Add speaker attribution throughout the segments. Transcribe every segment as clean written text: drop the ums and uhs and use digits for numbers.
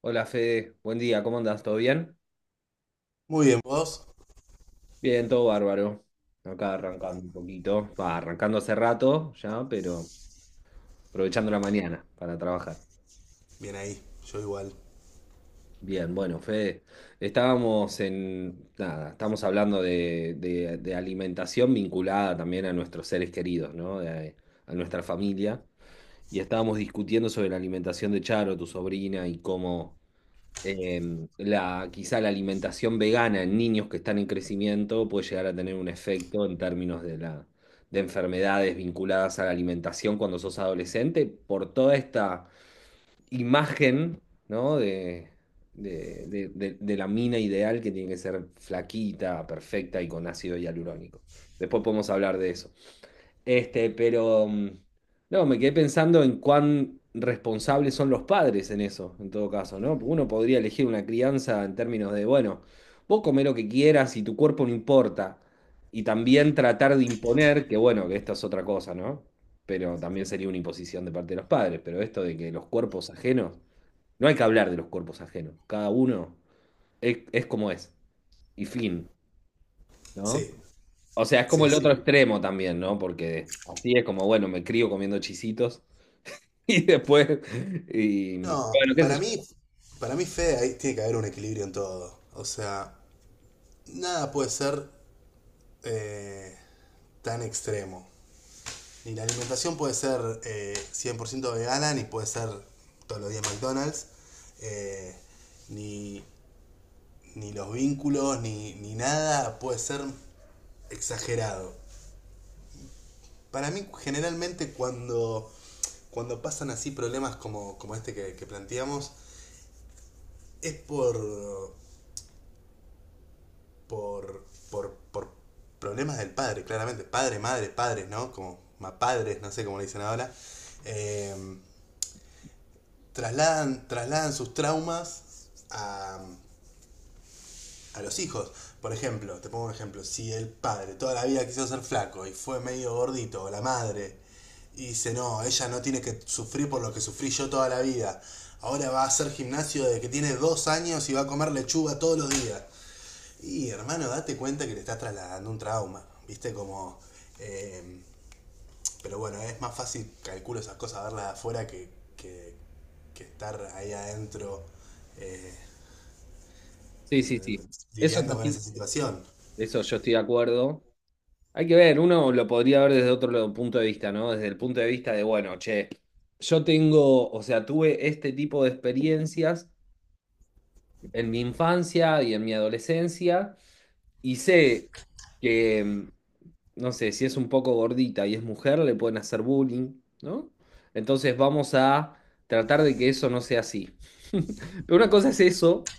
Speaker 1: Hola Fede, buen día, ¿cómo andás? ¿Todo bien?
Speaker 2: Muy bien, vos.
Speaker 1: Bien, todo bárbaro. Acá arrancando
Speaker 2: Bueno,
Speaker 1: un poquito. Va, arrancando hace rato ya, pero aprovechando la mañana para trabajar.
Speaker 2: bien ahí, yo igual.
Speaker 1: Bien, bueno, Fede, estábamos en, nada, estamos hablando de, de alimentación vinculada también a nuestros seres queridos, ¿no? De, a nuestra familia. Y estábamos discutiendo sobre la alimentación de Charo, tu sobrina, y cómo, la, quizá la alimentación vegana en niños que están en crecimiento puede llegar a tener un efecto en términos de la, de enfermedades vinculadas a la alimentación cuando sos adolescente, por toda esta imagen, ¿no? de la mina ideal que tiene que ser flaquita, perfecta y con ácido hialurónico. Después podemos hablar de eso. Este, pero no, me quedé pensando en cuán responsables son los padres en eso, en todo caso, ¿no? Porque uno podría elegir una crianza en términos de, bueno, vos comé lo que quieras y tu cuerpo no importa. Y también tratar de imponer, que bueno, que esto es otra cosa, ¿no? Pero también sería una imposición de parte de los padres, pero esto de que los cuerpos ajenos, no hay que hablar de los cuerpos ajenos, cada uno es como es, y fin, ¿no?
Speaker 2: Sí,
Speaker 1: O sea, es como
Speaker 2: sí,
Speaker 1: el otro
Speaker 2: sí.
Speaker 1: extremo también, ¿no? Porque así es como, bueno, me crío comiendo chisitos y después, y
Speaker 2: No,
Speaker 1: bueno, qué sé
Speaker 2: para
Speaker 1: yo.
Speaker 2: mí, Fede, ahí tiene que haber un equilibrio en todo. O sea, nada puede ser eh, tan extremo. Ni la alimentación puede ser 100% vegana, ni puede ser todos los días McDonald's, eh, ni, ni los vínculos, ni nada puede ser exagerado. Para mí, generalmente, cuando pasan así problemas como, como este que planteamos, es por, por problemas del padre, claramente. Padre, madre, padres, ¿no? Como ma padres, no sé cómo le dicen ahora. Eh, Trasladan sus traumas a los hijos. Por ejemplo, te pongo un ejemplo, si el padre toda la vida quiso ser flaco y fue medio gordito, o la madre, y dice, no, ella no tiene que sufrir por lo que sufrí yo toda la vida, ahora va a hacer gimnasio desde que tiene 2 años y va a comer lechuga todos los días. Y hermano, date cuenta que le estás trasladando un trauma, viste como... eh, pero bueno, es más fácil, calculo esas cosas, verlas de afuera que, que estar ahí adentro eh,
Speaker 1: Sí, sí, sí. Eso es
Speaker 2: lidiando con
Speaker 1: así.
Speaker 2: esa situación.
Speaker 1: Eso yo estoy de acuerdo. Hay que ver, uno lo podría ver desde punto de vista, ¿no? Desde el punto de vista de, bueno, che, yo tengo, o sea, tuve este tipo de experiencias en mi infancia y en mi adolescencia y sé que no sé, si es un poco gordita y es mujer, le pueden hacer bullying, ¿no? Entonces vamos a tratar de que eso no sea así. Pero una cosa es eso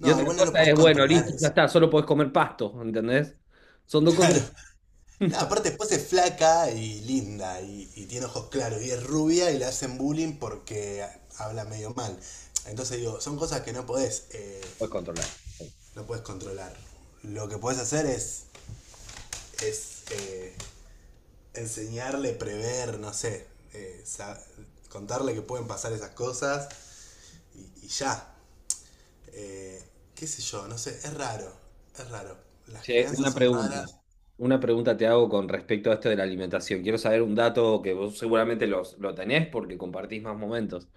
Speaker 1: y otra
Speaker 2: igual no lo
Speaker 1: cosa
Speaker 2: puedes
Speaker 1: es, bueno,
Speaker 2: controlar
Speaker 1: listo, ya
Speaker 2: eso.
Speaker 1: está, solo podés comer pasto, ¿entendés? Son dos cosas que
Speaker 2: Claro.
Speaker 1: no
Speaker 2: No, aparte después es flaca y linda y tiene ojos claros y es rubia y le hacen bullying porque habla medio mal. Entonces digo, son cosas que no podés,
Speaker 1: podés controlar.
Speaker 2: no podés controlar. Lo que podés hacer es, es enseñarle, prever, no sé, eh, sa- contarle que pueden pasar esas cosas y ya. Eh, qué sé yo, no sé, es raro, es raro. Las
Speaker 1: Che,
Speaker 2: crianzas
Speaker 1: una
Speaker 2: son
Speaker 1: pregunta.
Speaker 2: raras.
Speaker 1: Una pregunta te hago con respecto a esto de la alimentación. Quiero saber un dato que vos seguramente lo tenés porque compartís más momentos.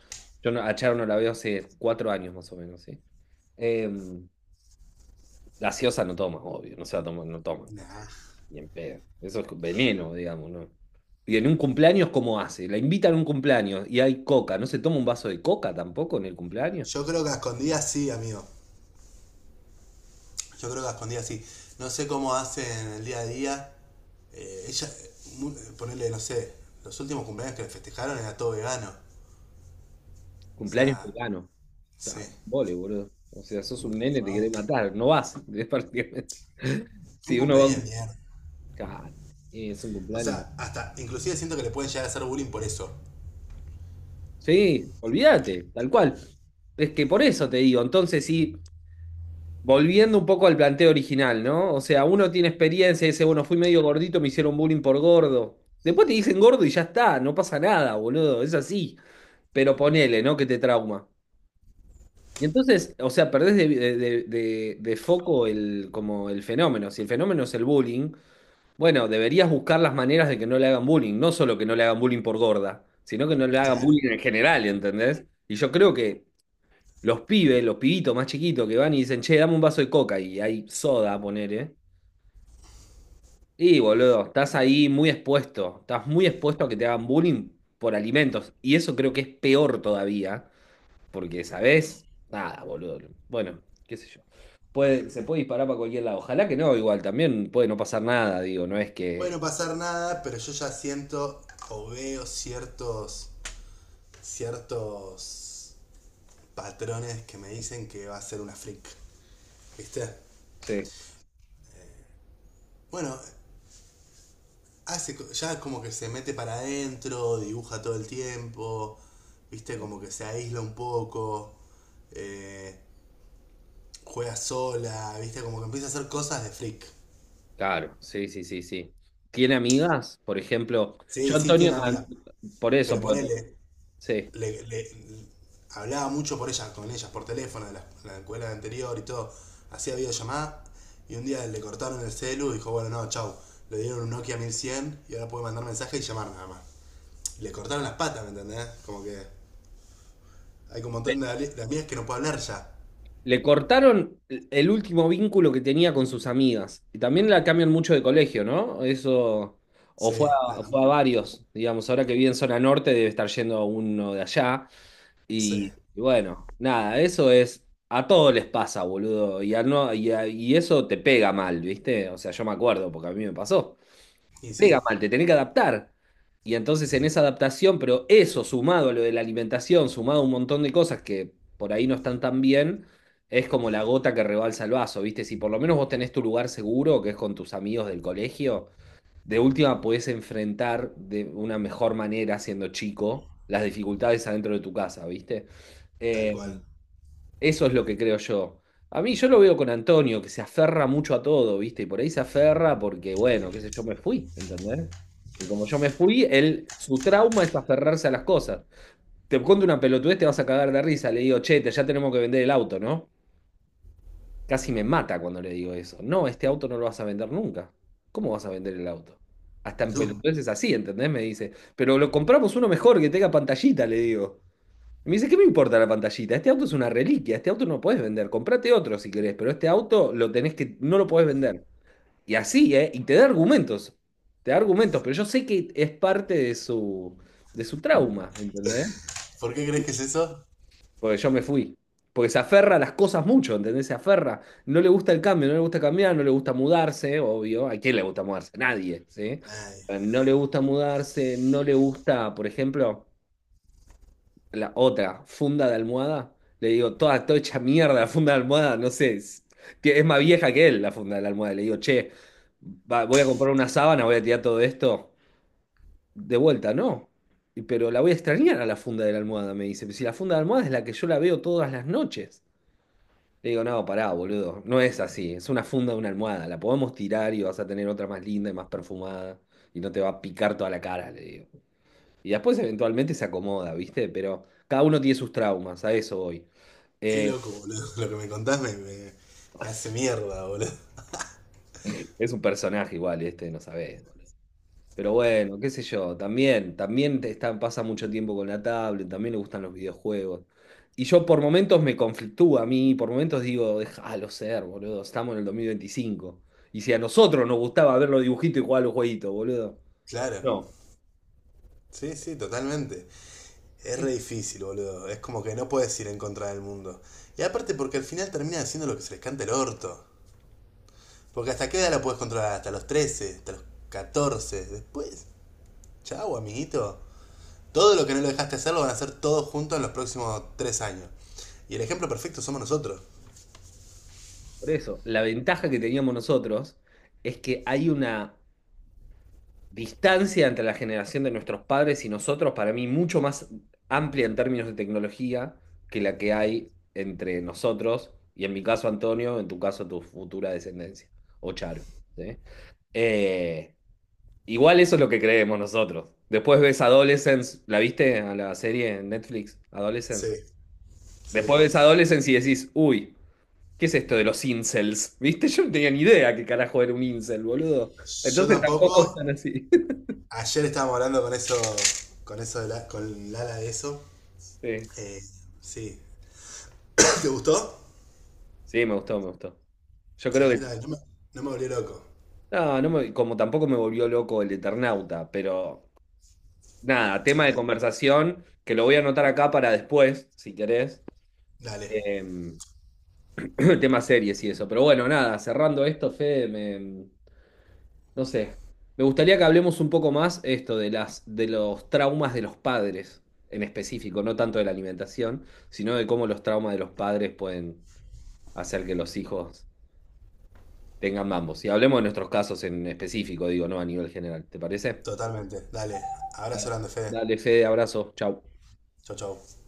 Speaker 1: Yo no- A Charo no la veo hace 4 años más o menos, ¿sí? Eh, gaseosa no toman, obvio, no se la toman,
Speaker 2: Nah.
Speaker 1: ni en pedo. Eso es veneno, digamos, ¿no? Y en un cumpleaños, ¿cómo hace? La invitan a un cumpleaños y hay coca, ¿no se toma un vaso de coca tampoco en el cumpleaños?
Speaker 2: Yo creo que a escondidas sí, amigo. Yo creo que a escondidas sí. No sé cómo hacen el día a día. Eh, ella, ponerle, no sé, los últimos cumpleaños que le festejaron era todo vegano. O
Speaker 1: Cumpleaños
Speaker 2: sea,
Speaker 1: vegano.
Speaker 2: sí.
Speaker 1: Ah, Vole, boludo. O sea, sos un nene, te
Speaker 2: Un
Speaker 1: querés matar, no vas, es prácticamente.
Speaker 2: Un
Speaker 1: Si uno va a un...
Speaker 2: cumpleaños de
Speaker 1: cum-
Speaker 2: mierda.
Speaker 1: Claro, es un
Speaker 2: O
Speaker 1: cumpleaños.
Speaker 2: sea, hasta, inclusive siento que le pueden llegar a hacer bullying por eso.
Speaker 1: Sí, olvídate, tal cual. Es que por eso te digo, entonces sí. Volviendo un poco al planteo original, ¿no? O sea, uno tiene experiencia y dice, bueno, fui medio gordito, me hicieron bullying por gordo. Después te dicen gordo y ya está, no pasa nada, boludo, es así. Pero ponele, ¿no? Que te trauma. Y entonces, o sea, perdés de foco el, como el fenómeno. Si el fenómeno es el bullying, bueno, deberías buscar las maneras de que no le hagan bullying. No solo que no le hagan bullying por gorda, sino que no le hagan
Speaker 2: Claro.
Speaker 1: bullying en general, ¿entendés? Y yo creo que los pibes, los pibitos más chiquitos que van y dicen, che, dame un vaso de coca y hay soda, ponele. Y boludo, estás ahí muy expuesto, estás muy expuesto a que te hagan bullying por alimentos. Y eso creo que es peor todavía, porque, ¿sabés? Nada, boludo. Bueno, qué sé yo. Puede, se puede disparar para cualquier lado. Ojalá que no, igual también puede no pasar nada, digo, no es
Speaker 2: Puede
Speaker 1: que...
Speaker 2: no pasar nada, pero yo ya siento o veo ciertos patrones que me dicen que va a ser una freak. ¿Viste?
Speaker 1: Sí,
Speaker 2: Bueno, ya como que se mete para adentro, dibuja todo el tiempo, viste, como que se aísla un poco, eh, juega sola, viste, como que empieza a hacer cosas de freak.
Speaker 1: claro, sí, sí, sí, sí. ¿Tiene amigas? Por ejemplo,
Speaker 2: Sí,
Speaker 1: yo
Speaker 2: sí, tiene
Speaker 1: Antonio, an-
Speaker 2: amiga,
Speaker 1: por eso,
Speaker 2: pero
Speaker 1: por-
Speaker 2: ponele,
Speaker 1: sí.
Speaker 2: le, le- hablaba mucho por ella, con ellas por teléfono, de la escuela anterior y todo, hacía videollamada, y un día le cortaron el celu y dijo, bueno, no, chau, le dieron un Nokia 1100 y ahora puede mandar mensaje y llamar nada más. Y le cortaron las patas, ¿me entendés? Como que... hay como un montón de, ale- de amigas que no puedo hablar ya.
Speaker 1: Le cortaron el último vínculo que tenía con sus amigas. Y también la cambian mucho de colegio, ¿no? Eso. O
Speaker 2: Sí,
Speaker 1: fue
Speaker 2: la,
Speaker 1: fue a varios, digamos, ahora que vive en zona norte debe estar yendo a uno de allá.
Speaker 2: sí.
Speaker 1: Y bueno, nada, eso es. A todos les pasa, boludo. Y, a no, y, a- Y eso te pega mal, ¿viste? O sea, yo me acuerdo porque a mí me pasó, te
Speaker 2: Y sí,
Speaker 1: pega mal, te tenés que adaptar. Y entonces en esa adaptación, pero eso sumado a lo de la alimentación, sumado a un montón de cosas que por ahí no están tan bien, es como la gota que rebalsa el vaso, ¿viste? Si por lo menos vos tenés tu lugar seguro, que es con tus amigos del colegio, de última podés enfrentar de una mejor manera, siendo chico, las dificultades adentro de tu casa, ¿viste?
Speaker 2: tal
Speaker 1: Eh,
Speaker 2: cual.
Speaker 1: eso es lo que creo yo. A mí yo lo veo con Antonio, que se aferra mucho a todo, ¿viste? Y por ahí se aferra porque, bueno, qué sé yo, me fui, ¿entendés? Y como yo me fui, él, su trauma es aferrarse a las cosas. Te cuento una pelotudez, te vas a cagar de risa. Le digo, che, ya tenemos que vender el auto, ¿no? Casi me mata cuando le digo eso. No, este auto no lo vas a vender nunca. ¿Cómo vas a vender el auto? Hasta en
Speaker 2: No,
Speaker 1: pelotudeces así, ¿entendés? Me dice, pero lo compramos uno mejor que tenga pantallita, le digo. Y me dice, ¿qué me importa la pantallita? Este auto es una reliquia, este auto no puedes vender, comprate otro si querés, pero este auto lo tenés que, no lo podés vender. Y así, ¿eh? Y te da argumentos, pero yo sé que es parte de su trauma, ¿entendés?
Speaker 2: ¿por qué crees que es eso?
Speaker 1: Porque yo me fui. Porque se aferra a las cosas mucho, ¿entendés? Se aferra. No le gusta el cambio, no le gusta cambiar, no le gusta mudarse, obvio. ¿A quién le gusta mudarse? A nadie, ¿sí?
Speaker 2: Ay,
Speaker 1: No le gusta mudarse, no le gusta, por ejemplo, la otra funda de almohada, le digo, toda hecha mierda la funda de almohada, no sé, es, es más vieja que él la funda de la almohada. Le digo, che, voy a comprar una sábana, voy a tirar todo esto. De vuelta, no. Pero la voy a extrañar a la funda de la almohada, me dice. Si la funda de la almohada es la que yo la veo todas las noches. Le digo, no, pará, boludo, no es así, es una funda de una almohada, la podemos tirar y vas a tener otra más linda y más perfumada y no te va a picar toda la cara, le digo. Y después eventualmente se acomoda, ¿viste? Pero cada uno tiene sus traumas, a eso voy.
Speaker 2: qué
Speaker 1: Eh,
Speaker 2: loco, boludo. Lo que me contás me hace mierda, boludo.
Speaker 1: es un personaje igual, este, no sabés, boludo. Pero bueno, qué sé yo, pasa mucho tiempo con la tablet, también le gustan los videojuegos. Y yo por momentos me conflictúa a mí, por momentos digo, déjalo ser, boludo, estamos en el 2025. Y si a nosotros nos gustaba ver los dibujitos y jugar a los jueguitos, boludo.
Speaker 2: Claro.
Speaker 1: No.
Speaker 2: Sí, sí, totalmente. Es re difícil, boludo. Es como que no puedes ir en contra del mundo. Y aparte porque al final termina haciendo lo que se les canta el orto. ¿Porque hasta qué edad la puedes controlar? Hasta los 13, hasta los 14. Después, chau, amiguito. Todo lo que no lo dejaste hacer lo van a hacer todos juntos en los próximos 3 años. Y el ejemplo perfecto somos nosotros.
Speaker 1: Por eso, la ventaja que teníamos nosotros es que hay una distancia entre la generación de nuestros padres y nosotros, para mí, mucho más amplia en términos de tecnología que la que hay entre nosotros, y en mi caso Antonio, en tu caso tu futura descendencia, o Charo, ¿sí? Eh, igual eso es lo que creemos nosotros. Después ves Adolescence, ¿la viste a la serie en Netflix?
Speaker 2: Sí,
Speaker 1: Adolescence.
Speaker 2: sí.
Speaker 1: Después ves Adolescence y decís, uy, ¿qué es esto de los incels? ¿Viste? Yo no tenía ni idea qué carajo era un incel, boludo.
Speaker 2: Yo
Speaker 1: Entonces
Speaker 2: tampoco.
Speaker 1: tampoco están así.
Speaker 2: Ayer estábamos hablando con eso, con Lala de eso.
Speaker 1: Sí.
Speaker 2: Eh, sí. ¿Te gustó?
Speaker 1: Sí, me gustó, me gustó. Yo
Speaker 2: Sí,
Speaker 1: creo
Speaker 2: a
Speaker 1: que.
Speaker 2: mí también. No me volvió loco.
Speaker 1: Como tampoco me volvió loco el Eternauta, pero nada, tema de conversación, que lo voy a anotar acá para después, si querés.
Speaker 2: Dale,
Speaker 1: Em, tema series y eso. Pero bueno, nada, cerrando esto, Fede, no sé. Me gustaría que hablemos un poco más esto de de los traumas de los padres en específico, no tanto de la alimentación, sino de cómo los traumas de los padres pueden hacer que los hijos tengan ambos. Y hablemos de nuestros casos en específico, digo, no a nivel general. ¿Te parece?
Speaker 2: totalmente. Dale. Abrazo grande, Fede.
Speaker 1: Dale, Fede, abrazo. Chau.
Speaker 2: Chau, chau.